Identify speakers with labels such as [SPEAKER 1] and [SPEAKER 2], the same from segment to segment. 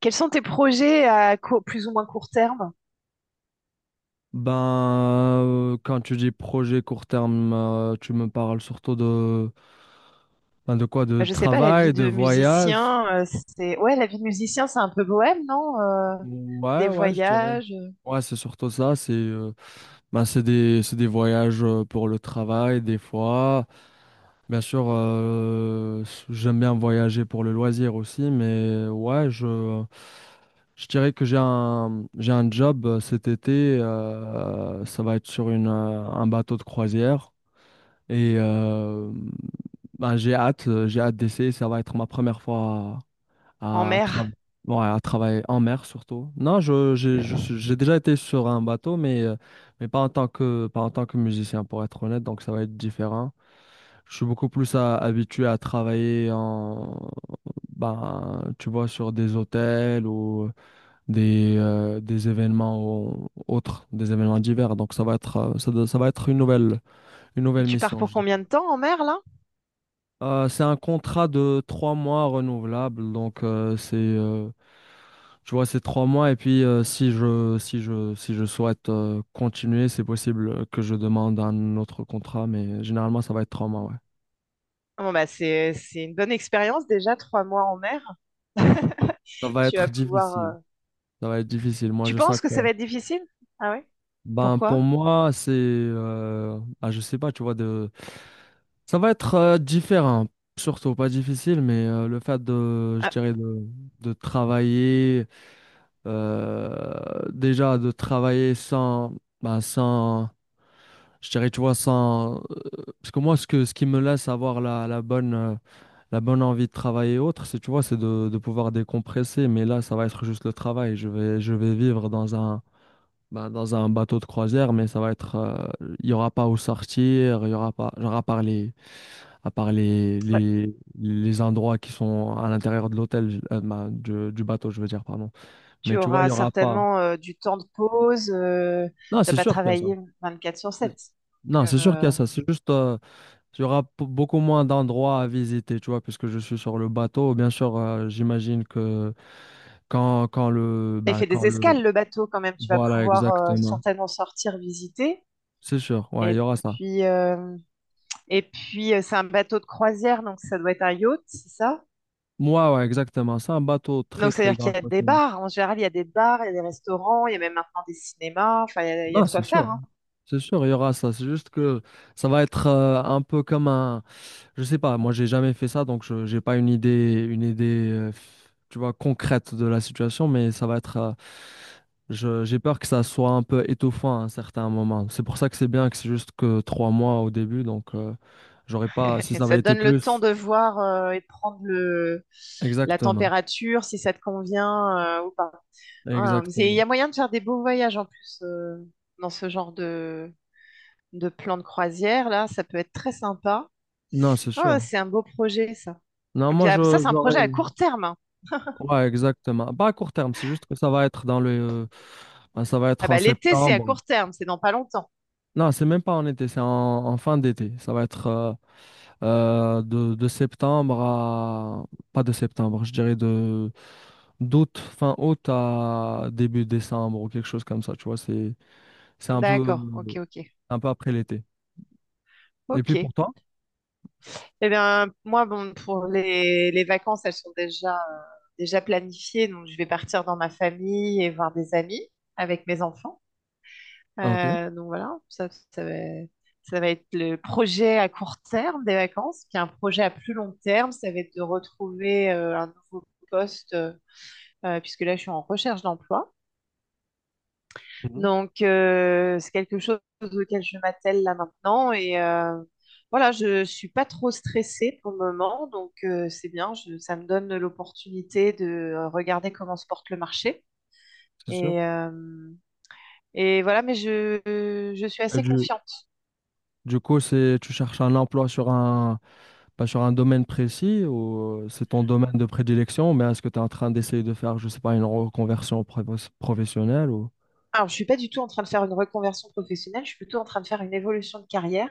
[SPEAKER 1] Quels sont tes projets à plus ou moins court terme?
[SPEAKER 2] Ben, Quand tu dis projet court terme, tu me parles surtout de, ben, de quoi? De
[SPEAKER 1] Je sais pas, la
[SPEAKER 2] travail,
[SPEAKER 1] vie
[SPEAKER 2] de
[SPEAKER 1] de
[SPEAKER 2] voyage?
[SPEAKER 1] musicien, Ouais, la vie de musicien, c'est un peu bohème, non?
[SPEAKER 2] Ouais,
[SPEAKER 1] Des
[SPEAKER 2] ouais, je dirais.
[SPEAKER 1] voyages
[SPEAKER 2] Ouais, c'est surtout ça. C'est des voyages pour le travail, des fois. Bien sûr, j'aime bien voyager pour le loisir aussi, mais ouais, je dirais que j'ai un job cet été. Ça va être sur un bateau de croisière. Et euh, j'ai hâte d'essayer. Ça va être ma première fois
[SPEAKER 1] en
[SPEAKER 2] à, à, tra-
[SPEAKER 1] mer.
[SPEAKER 2] ouais, à travailler en mer surtout. Non, je, j'ai, je suis- j'ai déjà été sur un bateau, mais pas en tant que musicien, pour être honnête. Donc ça va être différent. Je suis habitué à travailler en, tu vois, sur des hôtels ou des événements autres, des événements divers. Donc ça va être, ça va être une
[SPEAKER 1] Et
[SPEAKER 2] nouvelle
[SPEAKER 1] tu pars
[SPEAKER 2] mission.
[SPEAKER 1] pour combien de temps en mer, là?
[SPEAKER 2] C'est un contrat de trois mois renouvelable, tu vois, c'est trois mois et puis si si je souhaite continuer, c'est possible que je demande un autre contrat, mais généralement ça va être trois mois, ouais.
[SPEAKER 1] Bon, bah, c'est une bonne expérience déjà, 3 mois en mer.
[SPEAKER 2] Ça va
[SPEAKER 1] Tu
[SPEAKER 2] être
[SPEAKER 1] vas pouvoir...
[SPEAKER 2] difficile.
[SPEAKER 1] euh,
[SPEAKER 2] Ça va être difficile. Moi,
[SPEAKER 1] Tu
[SPEAKER 2] je sens
[SPEAKER 1] penses que
[SPEAKER 2] que,
[SPEAKER 1] ça va être difficile? Ah ouais?
[SPEAKER 2] ben, pour
[SPEAKER 1] Pourquoi?
[SPEAKER 2] moi, je sais pas, tu vois, de, ça va être différent. Surtout pas difficile, mais le fait de, je
[SPEAKER 1] Ah,
[SPEAKER 2] dirais, de travailler. Déjà de travailler sans, bah, sans, je dirais, tu vois, sans, parce que moi, ce qui me laisse avoir la bonne envie de travailler et autres, c'est, tu vois, c'est de pouvoir décompresser, mais là, ça va être juste le travail. Je vais vivre dans un, bah, dans un bateau de croisière, mais ça va être, il y aura pas où sortir, il y aura pas, genre, à part
[SPEAKER 1] bah,
[SPEAKER 2] les endroits qui sont à l'intérieur de l'hôtel, bah, du bateau, je veux dire, pardon.
[SPEAKER 1] tu
[SPEAKER 2] Mais tu vois, il y
[SPEAKER 1] auras
[SPEAKER 2] aura pas.
[SPEAKER 1] certainement du temps de pause.
[SPEAKER 2] Non,
[SPEAKER 1] Tu vas
[SPEAKER 2] c'est
[SPEAKER 1] pas
[SPEAKER 2] sûr qu'il y a ça.
[SPEAKER 1] travailler 24 sur 7.
[SPEAKER 2] Non, c'est sûr qu'il y a ça. C'est juste, il y aura beaucoup moins d'endroits à visiter, tu vois, puisque je suis sur le bateau. Bien sûr, j'imagine que quand, quand le,
[SPEAKER 1] Il
[SPEAKER 2] bah,
[SPEAKER 1] fait
[SPEAKER 2] quand
[SPEAKER 1] des
[SPEAKER 2] le,
[SPEAKER 1] escales, le bateau, quand même. Tu vas
[SPEAKER 2] voilà,
[SPEAKER 1] pouvoir
[SPEAKER 2] exactement.
[SPEAKER 1] certainement sortir, visiter.
[SPEAKER 2] C'est sûr, ouais, il y
[SPEAKER 1] Et
[SPEAKER 2] aura ça.
[SPEAKER 1] puis, euh, et puis, c'est un bateau de croisière, donc ça doit être un yacht, c'est ça?
[SPEAKER 2] Moi, ouais, exactement. C'est un bateau très,
[SPEAKER 1] Donc,
[SPEAKER 2] très
[SPEAKER 1] c'est-à-dire
[SPEAKER 2] grand.
[SPEAKER 1] qu'il y a des bars. En général, il y a des bars, il y a des restaurants, il y a même maintenant des cinémas. Enfin, il y a
[SPEAKER 2] Non,
[SPEAKER 1] de
[SPEAKER 2] c'est
[SPEAKER 1] quoi faire,
[SPEAKER 2] sûr.
[SPEAKER 1] hein.
[SPEAKER 2] C'est sûr, il y aura ça. C'est juste que ça va être un peu comme un. Je sais pas, moi j'ai jamais fait ça, donc je j'ai pas une idée, tu vois, concrète de la situation, mais ça va être. Je- j'ai peur que ça soit un peu étouffant à un certain moment. C'est pour ça que c'est bien que c'est juste que trois mois au début, j'aurais pas. Si
[SPEAKER 1] Et
[SPEAKER 2] ça
[SPEAKER 1] ça
[SPEAKER 2] avait
[SPEAKER 1] te
[SPEAKER 2] été
[SPEAKER 1] donne le temps
[SPEAKER 2] plus.
[SPEAKER 1] de voir et de prendre la
[SPEAKER 2] Exactement.
[SPEAKER 1] température, si ça te convient ou pas. Hein, il y
[SPEAKER 2] Exactement.
[SPEAKER 1] a moyen de faire des beaux voyages en plus dans ce genre de plan de croisière, là. Ça peut être très sympa.
[SPEAKER 2] Non, c'est
[SPEAKER 1] Ah,
[SPEAKER 2] sûr.
[SPEAKER 1] c'est un beau projet, ça.
[SPEAKER 2] Non,
[SPEAKER 1] Et puis,
[SPEAKER 2] moi
[SPEAKER 1] ah, ça,
[SPEAKER 2] je
[SPEAKER 1] c'est un
[SPEAKER 2] j'aurais.
[SPEAKER 1] projet à court terme, hein.
[SPEAKER 2] Ouais, exactement. Pas à court terme, c'est juste que ça va être dans le. Ben, ça va être
[SPEAKER 1] Ah
[SPEAKER 2] en
[SPEAKER 1] bah, l'été, c'est à
[SPEAKER 2] septembre.
[SPEAKER 1] court terme, c'est dans pas longtemps.
[SPEAKER 2] Non, c'est même pas en été, c'est en, en fin d'été. Ça va être de septembre à... Pas de septembre, je dirais de d'août, fin août à début décembre ou quelque chose comme ça, tu vois. C'est
[SPEAKER 1] D'accord, ok, ok,
[SPEAKER 2] un peu après l'été. Et puis
[SPEAKER 1] ok.
[SPEAKER 2] pour toi?
[SPEAKER 1] Eh bien, moi, bon, pour les vacances, elles sont déjà planifiées. Donc, je vais partir dans ma famille et voir des amis avec mes enfants.
[SPEAKER 2] Ah, ok.
[SPEAKER 1] Donc, voilà, ça va être le projet à court terme des vacances. Puis, un projet à plus long terme, ça va être de retrouver un nouveau poste, puisque là, je suis en recherche d'emploi.
[SPEAKER 2] Mhm.
[SPEAKER 1] Donc, c'est quelque chose auquel je m'attelle là maintenant. Et voilà, je ne suis pas trop stressée pour le moment. Donc, c'est bien. Ça me donne l'opportunité de regarder comment se porte le marché.
[SPEAKER 2] C'est sûr.
[SPEAKER 1] Et, euh, et voilà, mais je suis
[SPEAKER 2] Et
[SPEAKER 1] assez
[SPEAKER 2] du,
[SPEAKER 1] confiante.
[SPEAKER 2] du coup, c'est, tu cherches un emploi sur un, pas sur un domaine précis ou c'est ton domaine de prédilection, mais est-ce que tu es en train d'essayer de faire, je sais pas, une reconversion professionnelle ou...
[SPEAKER 1] Alors, je suis pas du tout en train de faire une reconversion professionnelle. Je suis plutôt en train de faire une évolution de carrière.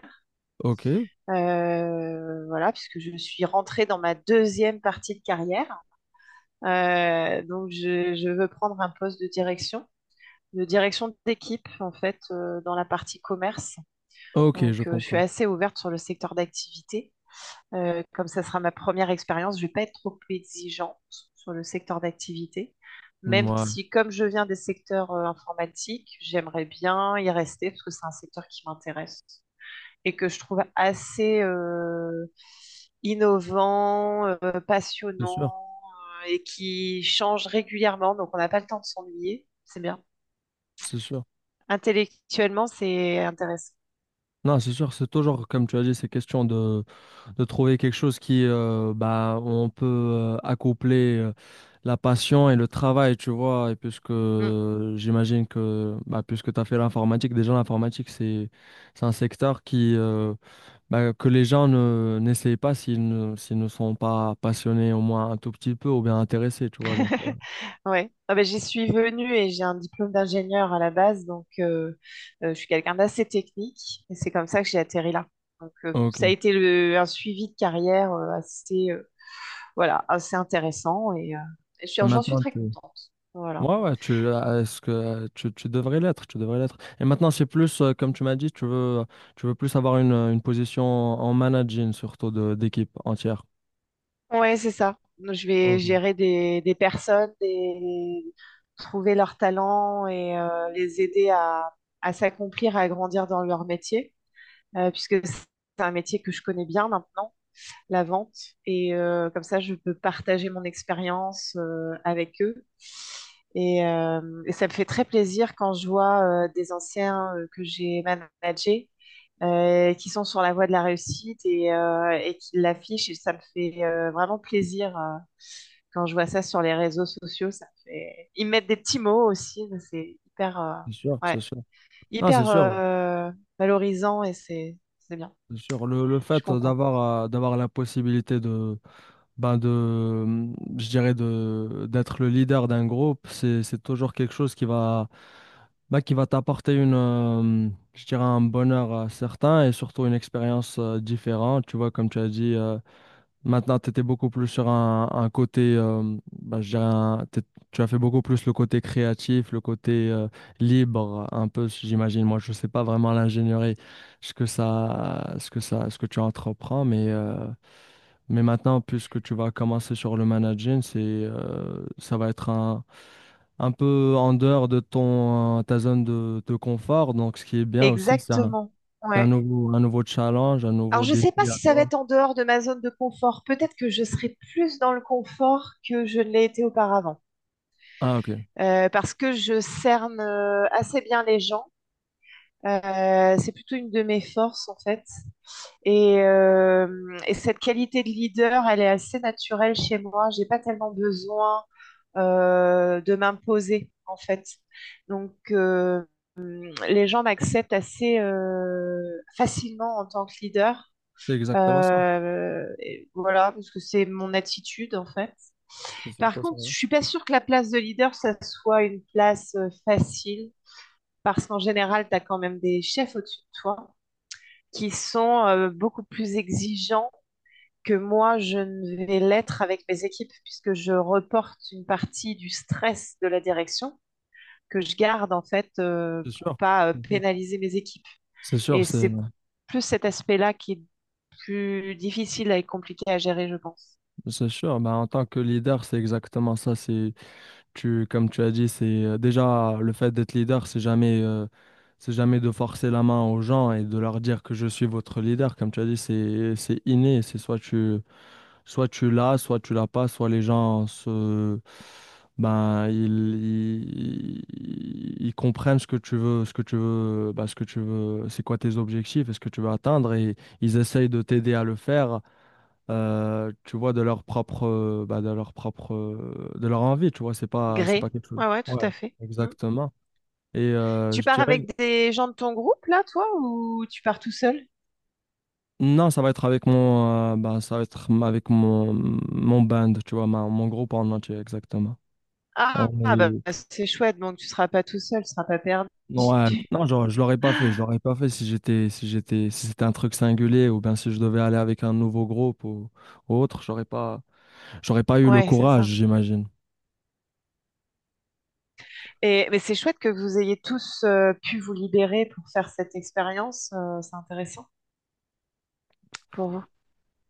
[SPEAKER 2] Ok,
[SPEAKER 1] Voilà, puisque je suis rentrée dans ma deuxième partie de carrière. Donc, je veux prendre un poste de direction d'équipe en fait dans la partie commerce.
[SPEAKER 2] ok, je
[SPEAKER 1] Donc je suis
[SPEAKER 2] comprends.
[SPEAKER 1] assez ouverte sur le secteur d'activité. Comme ça sera ma première expérience, je ne vais pas être trop exigeante sur le secteur d'activité. Même
[SPEAKER 2] Ouais,
[SPEAKER 1] si, comme je viens des secteurs informatiques, j'aimerais bien y rester parce que c'est un secteur qui m'intéresse et que je trouve assez innovant,
[SPEAKER 2] c'est sûr,
[SPEAKER 1] passionnant et qui change régulièrement. Donc on n'a pas le temps de s'ennuyer. C'est bien.
[SPEAKER 2] c'est sûr.
[SPEAKER 1] Intellectuellement, c'est intéressant.
[SPEAKER 2] Non, c'est sûr, c'est toujours, comme tu as dit, c'est question de trouver quelque chose qui, bah, on peut accoupler la passion et le travail, tu vois, et puisque
[SPEAKER 1] Mm.
[SPEAKER 2] j'imagine que, bah, puisque tu as fait l'informatique, déjà l'informatique, c'est un secteur qui... Bah, que les gens ne n'essayent pas s'ils ne, s'ils ne sont pas passionnés au moins un tout petit peu ou bien intéressés, tu vois.
[SPEAKER 1] Ouais. Ah ben, j'y suis venue et j'ai un diplôme d'ingénieur à la base, donc je suis quelqu'un d'assez technique et c'est comme ça que j'ai atterri là. Donc
[SPEAKER 2] Ok.
[SPEAKER 1] ça a
[SPEAKER 2] Et
[SPEAKER 1] été un suivi de carrière assez intéressant et j'en suis
[SPEAKER 2] maintenant,
[SPEAKER 1] très
[SPEAKER 2] tu...
[SPEAKER 1] contente. Voilà.
[SPEAKER 2] Ouais, ouais, est-ce que tu devrais l'être, tu devrais l'être. Et maintenant, c'est plus, comme tu m'as dit, tu veux plus avoir une position en managing, surtout de, d'équipe entière.
[SPEAKER 1] Ouais, c'est ça. Je vais
[SPEAKER 2] Ok.
[SPEAKER 1] gérer des personnes, trouver leurs talents et les aider à s'accomplir, à grandir dans leur métier, puisque c'est un métier que je connais bien maintenant, la vente. Et comme ça, je peux partager mon expérience avec eux. Et ça me fait très plaisir quand je vois des anciens que j'ai managés qui sont sur la voie de la réussite et qui l'affichent. Et ça me fait vraiment plaisir quand je vois ça sur les réseaux sociaux. Ils mettent des petits mots aussi. C'est hyper,
[SPEAKER 2] C'est sûr, c'est
[SPEAKER 1] ouais,
[SPEAKER 2] sûr. Non, c'est
[SPEAKER 1] hyper
[SPEAKER 2] sûr,
[SPEAKER 1] valorisant et c'est bien.
[SPEAKER 2] c'est sûr. Le
[SPEAKER 1] Je suis
[SPEAKER 2] fait
[SPEAKER 1] contente.
[SPEAKER 2] d'avoir, d'avoir la possibilité de, ben de, je dirais de d'être le leader d'un groupe, c'est toujours quelque chose qui va bah, qui va t'apporter une je dirais un bonheur certain et surtout une expérience différente. Tu vois, comme tu as dit, maintenant tu étais beaucoup plus sur un côté je dirais tu as fait beaucoup plus le côté créatif, le côté libre un peu j'imagine. Moi, je sais pas vraiment l'ingénierie, ce que tu entreprends mais maintenant, puisque tu vas commencer sur le managing, ça va être un peu en dehors de ton, ta zone de confort. Donc, ce qui est bien aussi,
[SPEAKER 1] Exactement,
[SPEAKER 2] c'est
[SPEAKER 1] ouais.
[SPEAKER 2] un nouveau challenge, un
[SPEAKER 1] Alors
[SPEAKER 2] nouveau
[SPEAKER 1] je ne sais pas
[SPEAKER 2] défi à
[SPEAKER 1] si ça va
[SPEAKER 2] toi.
[SPEAKER 1] être en dehors de ma zone de confort. Peut-être que je serai plus dans le confort que je ne l'ai été auparavant.
[SPEAKER 2] Ah, ok.
[SPEAKER 1] Parce que je cerne assez bien les gens. C'est plutôt une de mes forces en fait. Et, euh, et cette qualité de leader, elle est assez naturelle chez moi. J'ai pas tellement besoin de m'imposer en fait. Donc les gens m'acceptent assez facilement en tant que leader.
[SPEAKER 2] C'est exactement ça.
[SPEAKER 1] Et voilà, parce que c'est mon attitude en fait.
[SPEAKER 2] C'est surtout
[SPEAKER 1] Par
[SPEAKER 2] ça.
[SPEAKER 1] contre,
[SPEAKER 2] Ouais.
[SPEAKER 1] je suis pas sûre que la place de leader, ça soit une place facile, parce qu'en général, tu as quand même des chefs au-dessus de toi qui sont beaucoup plus exigeants que moi, je ne vais l'être avec mes équipes, puisque je reporte une partie du stress de la direction que je garde en fait
[SPEAKER 2] C'est
[SPEAKER 1] pour
[SPEAKER 2] sûr.
[SPEAKER 1] pas pénaliser mes équipes.
[SPEAKER 2] C'est sûr,
[SPEAKER 1] Et c'est plus cet aspect-là qui est plus difficile et compliqué à gérer, je pense.
[SPEAKER 2] c'est sûr. Bah, en tant que leader, c'est exactement ça. C'est tu, comme tu as dit, c'est déjà le fait d'être leader, c'est jamais de forcer la main aux gens et de leur dire que je suis votre leader. Comme tu as dit, c'est inné. C'est soit tu l'as pas, soit les gens se, ben, ils comprennent ce que tu veux, ce que tu veux, c'est quoi tes objectifs et ce que tu veux atteindre et ils essayent de t'aider à le faire tu vois, de leur propre, de leur propre, de leur envie, tu vois, c'est pas
[SPEAKER 1] Gré.
[SPEAKER 2] quelque chose.
[SPEAKER 1] Ouais, ouais, tout
[SPEAKER 2] Ouais,
[SPEAKER 1] à fait. Mm.
[SPEAKER 2] exactement.
[SPEAKER 1] Tu
[SPEAKER 2] Je
[SPEAKER 1] pars
[SPEAKER 2] dirais,
[SPEAKER 1] avec des gens de ton groupe, là, toi, ou tu pars tout seul?
[SPEAKER 2] non, ça va être avec mon, ça va être avec mon, mon band, tu vois, mon groupe en entier, exactement. On
[SPEAKER 1] Ah, ah, bah,
[SPEAKER 2] est,
[SPEAKER 1] c'est chouette, donc tu seras pas tout seul, tu seras pas perdu.
[SPEAKER 2] ouais, non, genre, je l'aurais pas fait, je l'aurais pas fait si j'étais, si c'était un truc singulier ou bien si je devais aller avec un nouveau groupe ou autre, j'aurais pas eu le
[SPEAKER 1] Ouais, c'est
[SPEAKER 2] courage,
[SPEAKER 1] ça.
[SPEAKER 2] j'imagine.
[SPEAKER 1] Et, mais c'est chouette que vous ayez tous pu vous libérer pour faire cette expérience, c'est intéressant pour vous.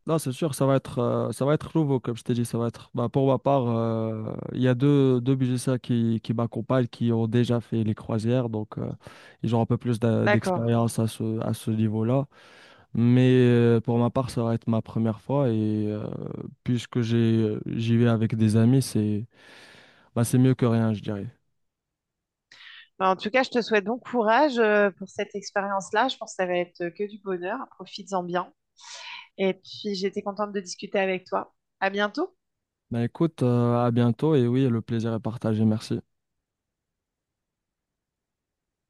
[SPEAKER 2] Non, c'est sûr, ça va être nouveau, comme je t'ai dit, ça va être. Bah, pour ma part, il y a deux musiciens qui m'accompagnent, qui ont déjà fait les croisières, ils ont un peu plus
[SPEAKER 1] D'accord.
[SPEAKER 2] d'expérience à ce niveau-là. Mais pour ma part, ça va être ma première fois et puisque j'ai, j'y vais avec des amis, c'est, bah, c'est mieux que rien, je dirais.
[SPEAKER 1] Bah, en tout cas, je te souhaite bon courage pour cette expérience-là. Je pense que ça va être que du bonheur. Profites-en bien. Et puis, j'ai été contente de discuter avec toi. À bientôt.
[SPEAKER 2] Bah écoute, à bientôt et oui, le plaisir est partagé, merci.